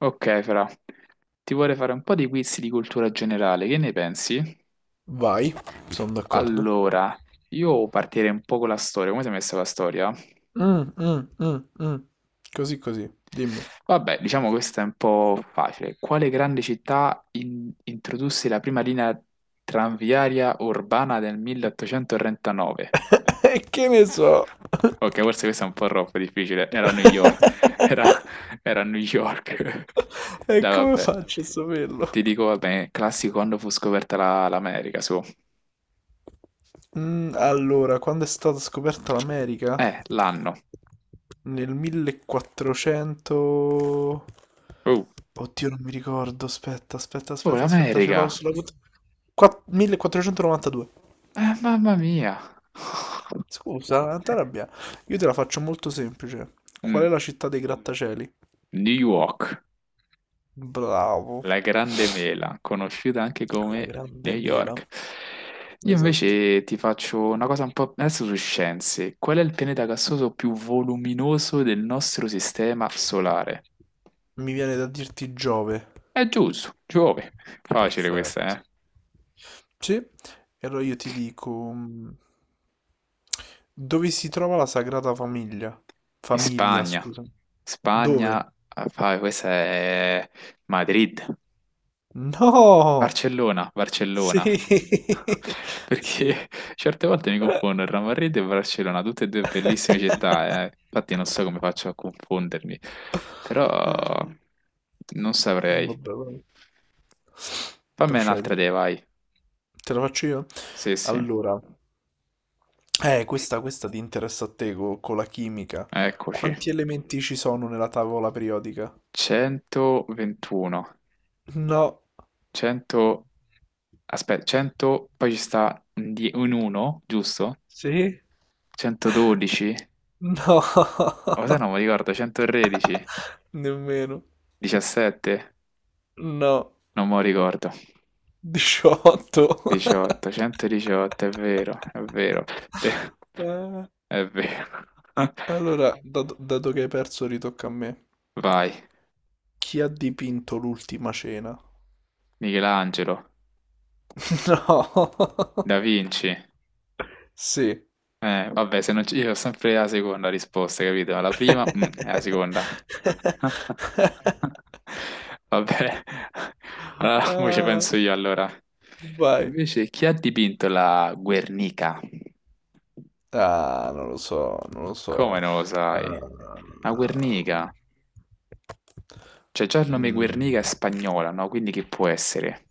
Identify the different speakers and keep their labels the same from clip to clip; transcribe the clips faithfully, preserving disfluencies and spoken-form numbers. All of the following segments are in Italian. Speaker 1: Ok, Fra, ti vorrei fare un po' di quiz di cultura generale, che ne pensi?
Speaker 2: Vai, sono d'accordo.
Speaker 1: Allora, io partirei un po' con la storia, come sei messa la storia?
Speaker 2: Mm, mm, mm, mm. Così così, dimmi.
Speaker 1: Vabbè, diciamo questa è un po' facile. Quale grande città in- introdusse la prima linea tranviaria urbana del milleottocentotrentanove?
Speaker 2: E che ne so?
Speaker 1: Ok, forse questa è un po' troppo difficile, era New York, era, era New York.
Speaker 2: E
Speaker 1: Dai,
Speaker 2: come
Speaker 1: vabbè,
Speaker 2: faccio a saperlo?
Speaker 1: ti dico, vabbè, classico quando fu scoperta la- l'America, su.
Speaker 2: Mm, allora, quando è stata scoperta l'America?
Speaker 1: Eh, l'anno.
Speaker 2: Nel millequattrocento.
Speaker 1: Uh.
Speaker 2: Oddio, non mi ricordo. Aspetta, aspetta,
Speaker 1: Oh,
Speaker 2: aspetta, aspetta, ce l'ho
Speaker 1: l'America.
Speaker 2: sulla punta. Qua- millequattrocentonovantadue.
Speaker 1: Eh, mamma mia.
Speaker 2: Scusa, non t'arrabbiare. Io te la faccio molto semplice. Qual
Speaker 1: Mm,
Speaker 2: è la città dei grattacieli?
Speaker 1: New York,
Speaker 2: Bravo.
Speaker 1: la grande mela, conosciuta anche
Speaker 2: La
Speaker 1: come New
Speaker 2: grande mela.
Speaker 1: York. Io
Speaker 2: Esatto.
Speaker 1: invece ti faccio una cosa un po' adesso su scienze. Qual è il pianeta gassoso più voluminoso del nostro sistema solare?
Speaker 2: Mi viene da dirti Giove.
Speaker 1: È giusto, Giove. Facile
Speaker 2: Perfetto.
Speaker 1: questa, eh?
Speaker 2: Sì, e allora io ti dico mm, dove si trova la Sagrada Famiglia?
Speaker 1: In
Speaker 2: Famiglia,
Speaker 1: Spagna.
Speaker 2: scusa. Dove?
Speaker 1: Spagna, ah, fa- questa è Madrid.
Speaker 2: No!
Speaker 1: Barcellona,
Speaker 2: Sì,
Speaker 1: Barcellona.
Speaker 2: sì.
Speaker 1: Perché certe volte mi confondo il Real Madrid e Barcellona, tutte e due bellissime città, eh. Infatti non so come faccio a confondermi, però
Speaker 2: Dai.
Speaker 1: non saprei.
Speaker 2: Vabbè, vabbè.
Speaker 1: Fammi
Speaker 2: Procedi.
Speaker 1: un'altra idea, vai.
Speaker 2: Te la faccio io?
Speaker 1: Sì, sì,
Speaker 2: Allora, Eh, questa, questa ti interessa a te co- con la chimica.
Speaker 1: eccoci.
Speaker 2: Quanti elementi ci sono nella tavola periodica?
Speaker 1: centoventuno,
Speaker 2: No.
Speaker 1: cento, aspetta, cento, poi ci sta un die- un uno, giusto?
Speaker 2: Sì?
Speaker 1: centododici,
Speaker 2: No.
Speaker 1: o se no mi ricordo, centotredici,
Speaker 2: Nemmeno.
Speaker 1: diciassette,
Speaker 2: No.
Speaker 1: non me lo ricordo.
Speaker 2: diciotto.
Speaker 1: diciotto, centodiciotto, è vero, è vero, beh,
Speaker 2: Eh,
Speaker 1: è vero.
Speaker 2: Allora, dato, dato che hai perso, ritocca a me.
Speaker 1: Vai,
Speaker 2: Chi ha dipinto l'ultima cena?
Speaker 1: Michelangelo,
Speaker 2: No.
Speaker 1: Da Vinci.
Speaker 2: Sì.
Speaker 1: Eh, vabbè, se non ci... io ho sempre la seconda risposta, capito? La prima, mm, è la seconda. Vabbè, allora, mo ci
Speaker 2: Ah.
Speaker 1: penso io allora.
Speaker 2: Vai.
Speaker 1: Invece, chi ha dipinto la Guernica?
Speaker 2: Ah, non lo so, non lo so.
Speaker 1: Come non lo sai? La
Speaker 2: Ah,
Speaker 1: Guernica? Cioè, già il nome
Speaker 2: mm,
Speaker 1: Guernica è spagnola, no? Quindi che può essere?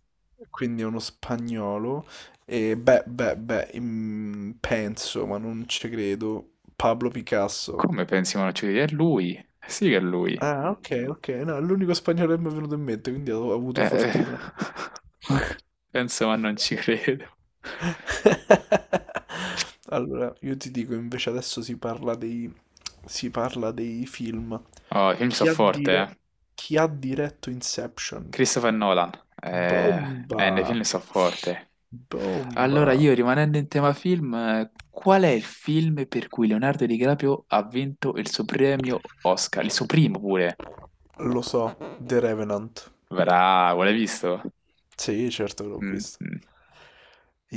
Speaker 2: quindi è uno spagnolo. E beh, beh, beh, mm, penso, ma non ci credo. Pablo Picasso.
Speaker 1: Come pensi Monocchiudi? È lui? Sì che è lui.
Speaker 2: Ah, ok, ok. No, è l'unico spagnolo che mi è venuto in mente, quindi ho avuto
Speaker 1: Eh, eh.
Speaker 2: fortuna.
Speaker 1: Penso, ma non ci credo.
Speaker 2: Allora, io ti dico, invece adesso si parla dei, si parla dei film.
Speaker 1: Oh, i film
Speaker 2: Chi
Speaker 1: so
Speaker 2: ha,
Speaker 1: forte, eh.
Speaker 2: dire- chi ha diretto Inception?
Speaker 1: Christopher Nolan. Eh, eh, nei
Speaker 2: Bomba!
Speaker 1: film so forte. Allora,
Speaker 2: Bomba!
Speaker 1: io rimanendo in tema film, eh, qual è il film per cui Leonardo DiCaprio ha vinto il suo premio Oscar? Il suo primo pure.
Speaker 2: Lo so, The Revenant.
Speaker 1: Bravo, l'hai visto?
Speaker 2: Sì, certo che l'ho
Speaker 1: Mm,
Speaker 2: visto.
Speaker 1: mm.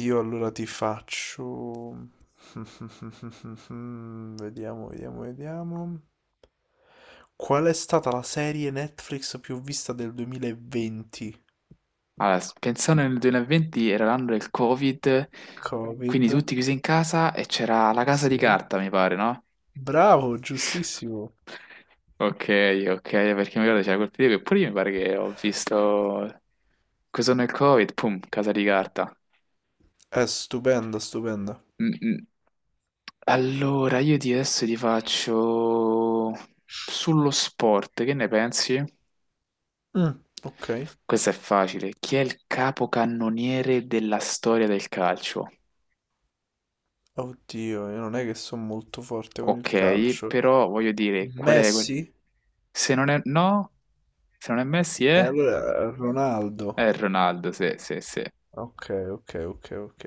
Speaker 2: Io allora ti faccio. Vediamo, vediamo, vediamo. Qual è stata la serie Netflix più vista del duemilaventi?
Speaker 1: Allora, s- pensando nel duemilaventi era l'anno del Covid,
Speaker 2: Covid.
Speaker 1: quindi tutti chiusi in casa e c'era la casa di
Speaker 2: Sì.
Speaker 1: carta, mi pare, no?
Speaker 2: Bravo, giustissimo.
Speaker 1: Ok, ok, perché mi ricordo c'era quel periodo che pure io mi pare che ho visto questo nel Covid, pum, casa di carta.
Speaker 2: È stupenda, stupenda.
Speaker 1: Mm, mm. Allora, io ti adesso ti faccio sullo sport, che ne pensi?
Speaker 2: Mm, ok.
Speaker 1: Questo è facile. Chi è il capocannoniere della storia del calcio?
Speaker 2: Oddio, io non è che sono molto forte con il
Speaker 1: Ok,
Speaker 2: calcio.
Speaker 1: però voglio dire, qual è quel...
Speaker 2: Messi?
Speaker 1: Se non è... No? Se non è Messi
Speaker 2: E
Speaker 1: è...
Speaker 2: allora Ronaldo.
Speaker 1: È Ronaldo, sì, sì, sì.
Speaker 2: Ok, ok, ok, ok.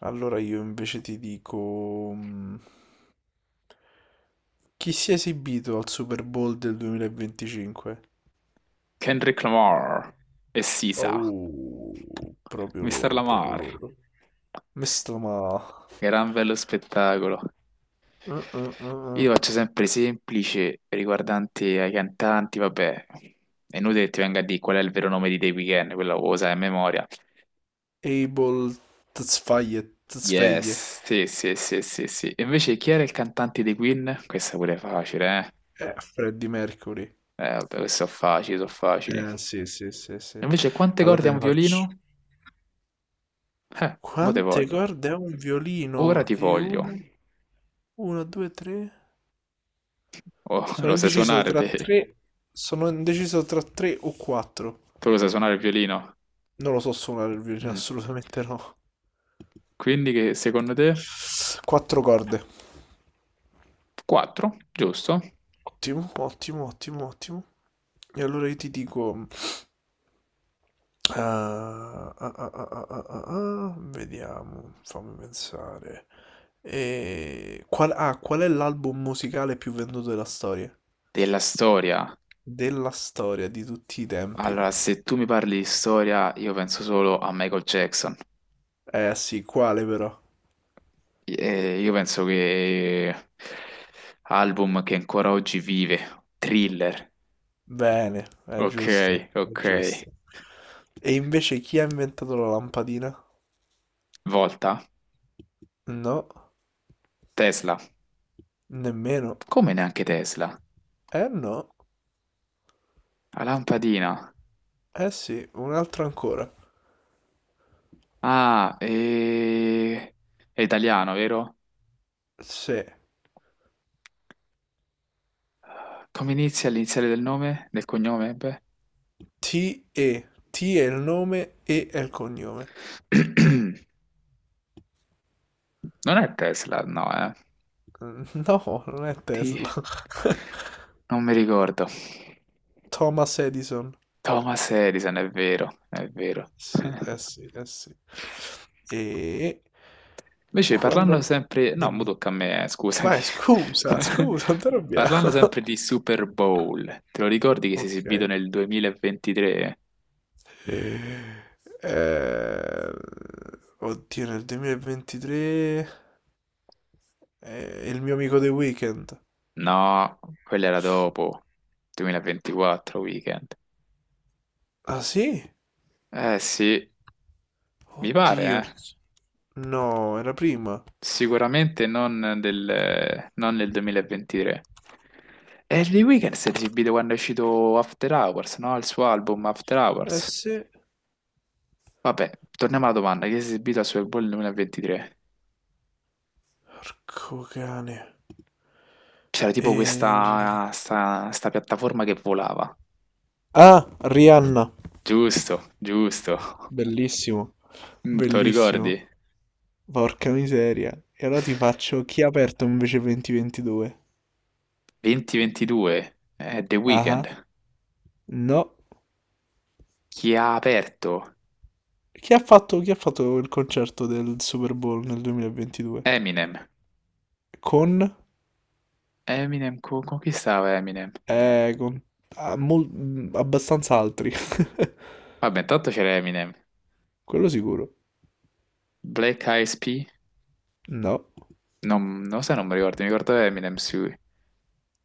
Speaker 2: Allora io invece ti dico mm, chi si è esibito al Super Bowl del duemilaventicinque?
Speaker 1: Kendrick Lamar e Sisa.
Speaker 2: Oh, proprio
Speaker 1: mister
Speaker 2: loro, proprio
Speaker 1: Lamar.
Speaker 2: loro. Mesta ma.
Speaker 1: Gran bello spettacolo.
Speaker 2: Uh, uh, uh, uh.
Speaker 1: Io faccio sempre semplice riguardanti ai cantanti, vabbè. È inutile che ti venga a dire qual è il vero nome di The Weeknd, quello lo sai a memoria.
Speaker 2: Abel Tzfaye, Tzfaye.
Speaker 1: Yes, sì, sì, sì, sì, sì. E invece chi era il cantante dei Queen? Questa pure è facile, eh?
Speaker 2: Eh, Freddie Mercury.
Speaker 1: Eh, vabbè, queste sono facili, sono facili.
Speaker 2: Eh, sì, sì, sì, sì.
Speaker 1: Invece quante
Speaker 2: Allora
Speaker 1: corde
Speaker 2: te
Speaker 1: ha un
Speaker 2: ne faccio.
Speaker 1: violino? Eh, mo te
Speaker 2: Quante
Speaker 1: voglio.
Speaker 2: corde ha un
Speaker 1: Ora
Speaker 2: violino?
Speaker 1: ti
Speaker 2: E
Speaker 1: voglio.
Speaker 2: una, una, due, tre?
Speaker 1: Oh,
Speaker 2: Sono
Speaker 1: lo sai
Speaker 2: indeciso
Speaker 1: suonare
Speaker 2: tra
Speaker 1: te?
Speaker 2: tre. Sono indeciso tra tre o quattro.
Speaker 1: Tu lo sai suonare il violino?
Speaker 2: Non lo so suonare il violino,
Speaker 1: Mm.
Speaker 2: assolutamente no.
Speaker 1: Quindi che secondo te?
Speaker 2: Quattro corde.
Speaker 1: Quattro, giusto?
Speaker 2: Ottimo, ottimo, ottimo, ottimo. E allora io ti dico. eh, ah, ah, ah, ah, ah, ah, ah, vediamo, fammi pensare. E... Qual, ah, qual è l'album musicale più venduto della storia?
Speaker 1: Della storia.
Speaker 2: Della storia di tutti i tempi.
Speaker 1: Allora, se tu mi parli di storia, io penso solo a Michael Jackson.
Speaker 2: Eh sì, quale però?
Speaker 1: Eh, io penso che album che ancora oggi vive, Thriller,
Speaker 2: Bene, è
Speaker 1: ok,
Speaker 2: giusto, è
Speaker 1: ok,
Speaker 2: giusto. E invece chi ha inventato la lampadina?
Speaker 1: Volta,
Speaker 2: No,
Speaker 1: Tesla,
Speaker 2: nemmeno.
Speaker 1: come neanche Tesla,
Speaker 2: Eh no,
Speaker 1: la lampadina,
Speaker 2: eh sì, un altro ancora.
Speaker 1: ah, e... è italiano, vero?
Speaker 2: Se
Speaker 1: Come inizia l'iniziale del nome, del cognome? Beh.
Speaker 2: ti e, T è il nome, E è il cognome.
Speaker 1: Non è Tesla, no, eh.
Speaker 2: Mm, No, non è
Speaker 1: Ti-
Speaker 2: Tesla.
Speaker 1: Non mi ricordo.
Speaker 2: Thomas Edison.
Speaker 1: Thomas Edison, è vero, è vero.
Speaker 2: Sì, eh sì, eh sì. E
Speaker 1: Invece parlando
Speaker 2: quando.
Speaker 1: sempre, no, mo
Speaker 2: Dimmi.
Speaker 1: tocca a me, eh, scusami.
Speaker 2: Vai, scusa, scusa, non ti arrabbiare.
Speaker 1: Parlando sempre di Super Bowl, te lo ricordi che si è
Speaker 2: Ok.
Speaker 1: esibito nel duemilaventitré?
Speaker 2: Eh, eh, oddio, nel duemilaventitré è il mio amico The Weeknd.
Speaker 1: No, quello era dopo, duemilaventiquattro weekend.
Speaker 2: Ah sì?
Speaker 1: Eh sì, mi pare,
Speaker 2: Oddio.
Speaker 1: eh.
Speaker 2: No, era prima.
Speaker 1: Sicuramente non del, non nel duemilaventitré. E The Weeknd si è esibito quando è uscito After Hours, no? Il suo album After
Speaker 2: Eh
Speaker 1: Hours.
Speaker 2: sì.
Speaker 1: Vabbè, torniamo alla domanda, chi si è esibito al Super Bowl nel duemilaventitré?
Speaker 2: Porco cane.
Speaker 1: C'era tipo
Speaker 2: E...
Speaker 1: questa sta, sta piattaforma che volava.
Speaker 2: Ah, Rihanna.
Speaker 1: Giusto, giusto.
Speaker 2: Bellissimo.
Speaker 1: Mm, te lo ricordi?
Speaker 2: Bellissimo. Porca miseria. E allora ti faccio chi ha aperto invece duemilaventidue?
Speaker 1: duemilaventidue, eh, The
Speaker 2: Ah,
Speaker 1: Weeknd.
Speaker 2: ah. No.
Speaker 1: Chi ha aperto?
Speaker 2: Chi ha fatto, chi ha fatto il concerto del Super Bowl nel duemilaventidue?
Speaker 1: Eminem.
Speaker 2: Con?
Speaker 1: Eminem, co- con, chi stava Eminem?
Speaker 2: Eh, con ah, mol- mm, abbastanza altri.
Speaker 1: Vabbè, intanto c'era Eminem.
Speaker 2: Quello sicuro.
Speaker 1: Black Eyed P?
Speaker 2: No.
Speaker 1: Non, non lo so, non mi ricordo, mi ricordo Eminem, sì.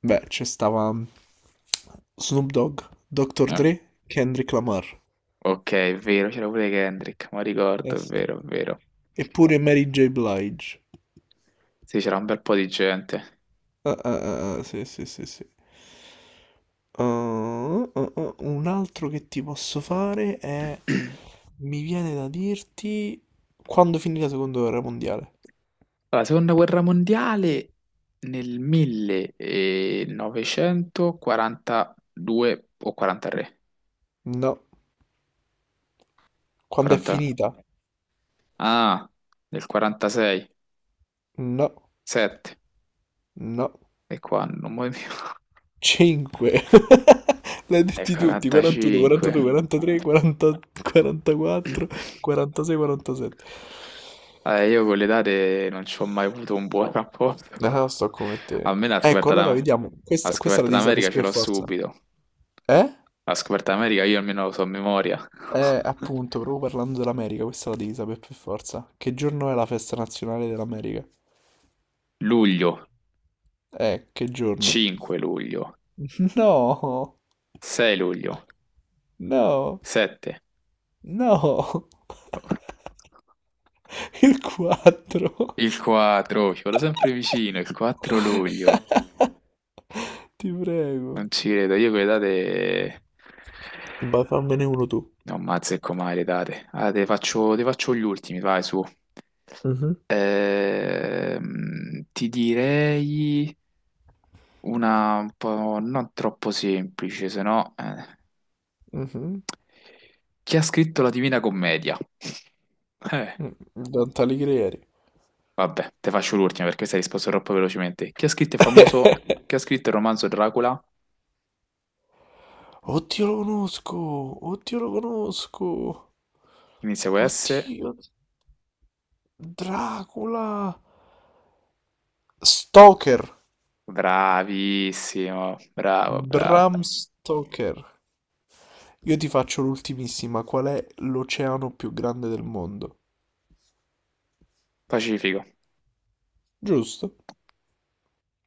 Speaker 2: Beh, c'è stava Snoop Dogg, Dr.
Speaker 1: Eh,
Speaker 2: Dre, Kendrick Lamar.
Speaker 1: ok, è vero, c'era pure Kendrick, ma
Speaker 2: Eh
Speaker 1: ricordo, è
Speaker 2: sì.
Speaker 1: vero, è vero.
Speaker 2: Eppure Mary J. Blige.
Speaker 1: Sì, c'era un bel po' di gente.
Speaker 2: Ah, ah, ah, ah, sì, sì, sì, sì. Ah, ah, ah, ah. un altro che ti posso fare è. Mi viene da dirti. Quando finì la seconda guerra mondiale?
Speaker 1: La seconda guerra mondiale nel millenovecentoquarantadue o quarantatré?
Speaker 2: No. Quando è
Speaker 1: quaranta...
Speaker 2: finita?
Speaker 1: Ah, nel quarantasei,
Speaker 2: No,
Speaker 1: sette.
Speaker 2: no.
Speaker 1: E qua non muoio più.
Speaker 2: cinque. L'hai
Speaker 1: Nel
Speaker 2: detti tutti, quarantuno, quarantadue,
Speaker 1: quarantacinque.
Speaker 2: quarantatré, quaranta, quarantaquattro, quarantasei, quarantasette.
Speaker 1: Eh, io con le date non ci ho mai avuto un buon rapporto.
Speaker 2: Ah, sto come
Speaker 1: A
Speaker 2: te.
Speaker 1: me la
Speaker 2: Ecco,
Speaker 1: scoperta
Speaker 2: allora
Speaker 1: d'Am-
Speaker 2: vediamo.
Speaker 1: la
Speaker 2: Questa, questa la
Speaker 1: scoperta
Speaker 2: devi sapere
Speaker 1: d'America ce
Speaker 2: per
Speaker 1: l'ho
Speaker 2: forza.
Speaker 1: subito.
Speaker 2: Eh?
Speaker 1: La scoperta d'America io almeno lo so a memoria.
Speaker 2: Eh, appunto, proprio parlando dell'America, questa la devi sapere per forza. Che giorno è la festa nazionale dell'America?
Speaker 1: Luglio,
Speaker 2: Eh, che giorno?
Speaker 1: cinque luglio.
Speaker 2: No,
Speaker 1: sei luglio,
Speaker 2: no,
Speaker 1: sette,
Speaker 2: no. Il quattro.
Speaker 1: il quattro, ci vado sempre vicino, il quattro luglio,
Speaker 2: Ti prego.
Speaker 1: non ci credo, io quelle date
Speaker 2: Vai, fammene uno tu.
Speaker 1: non azzecco mai le date, ah, te faccio, te faccio gli ultimi, vai su,
Speaker 2: Mhm.
Speaker 1: Ehm, ti direi una un po' non troppo semplice, se no, eh.
Speaker 2: Mhm.
Speaker 1: Chi ha scritto la Divina Commedia? Eh.
Speaker 2: Mm, Dante Alighieri.
Speaker 1: Vabbè, te faccio l'ultima perché questa hai risposto troppo velocemente. Chi ha scritto il famoso, chi ha scritto il romanzo Dracula?
Speaker 2: Oddio, lo conosco! Oddio, lo conosco!
Speaker 1: Inizia con S.
Speaker 2: Oddio, Dracula! Stoker!
Speaker 1: Bravissimo, bravo, bravo.
Speaker 2: Bram Stoker. Io ti faccio l'ultimissima. Qual è l'oceano più grande del mondo?
Speaker 1: Pacifico.
Speaker 2: Giusto?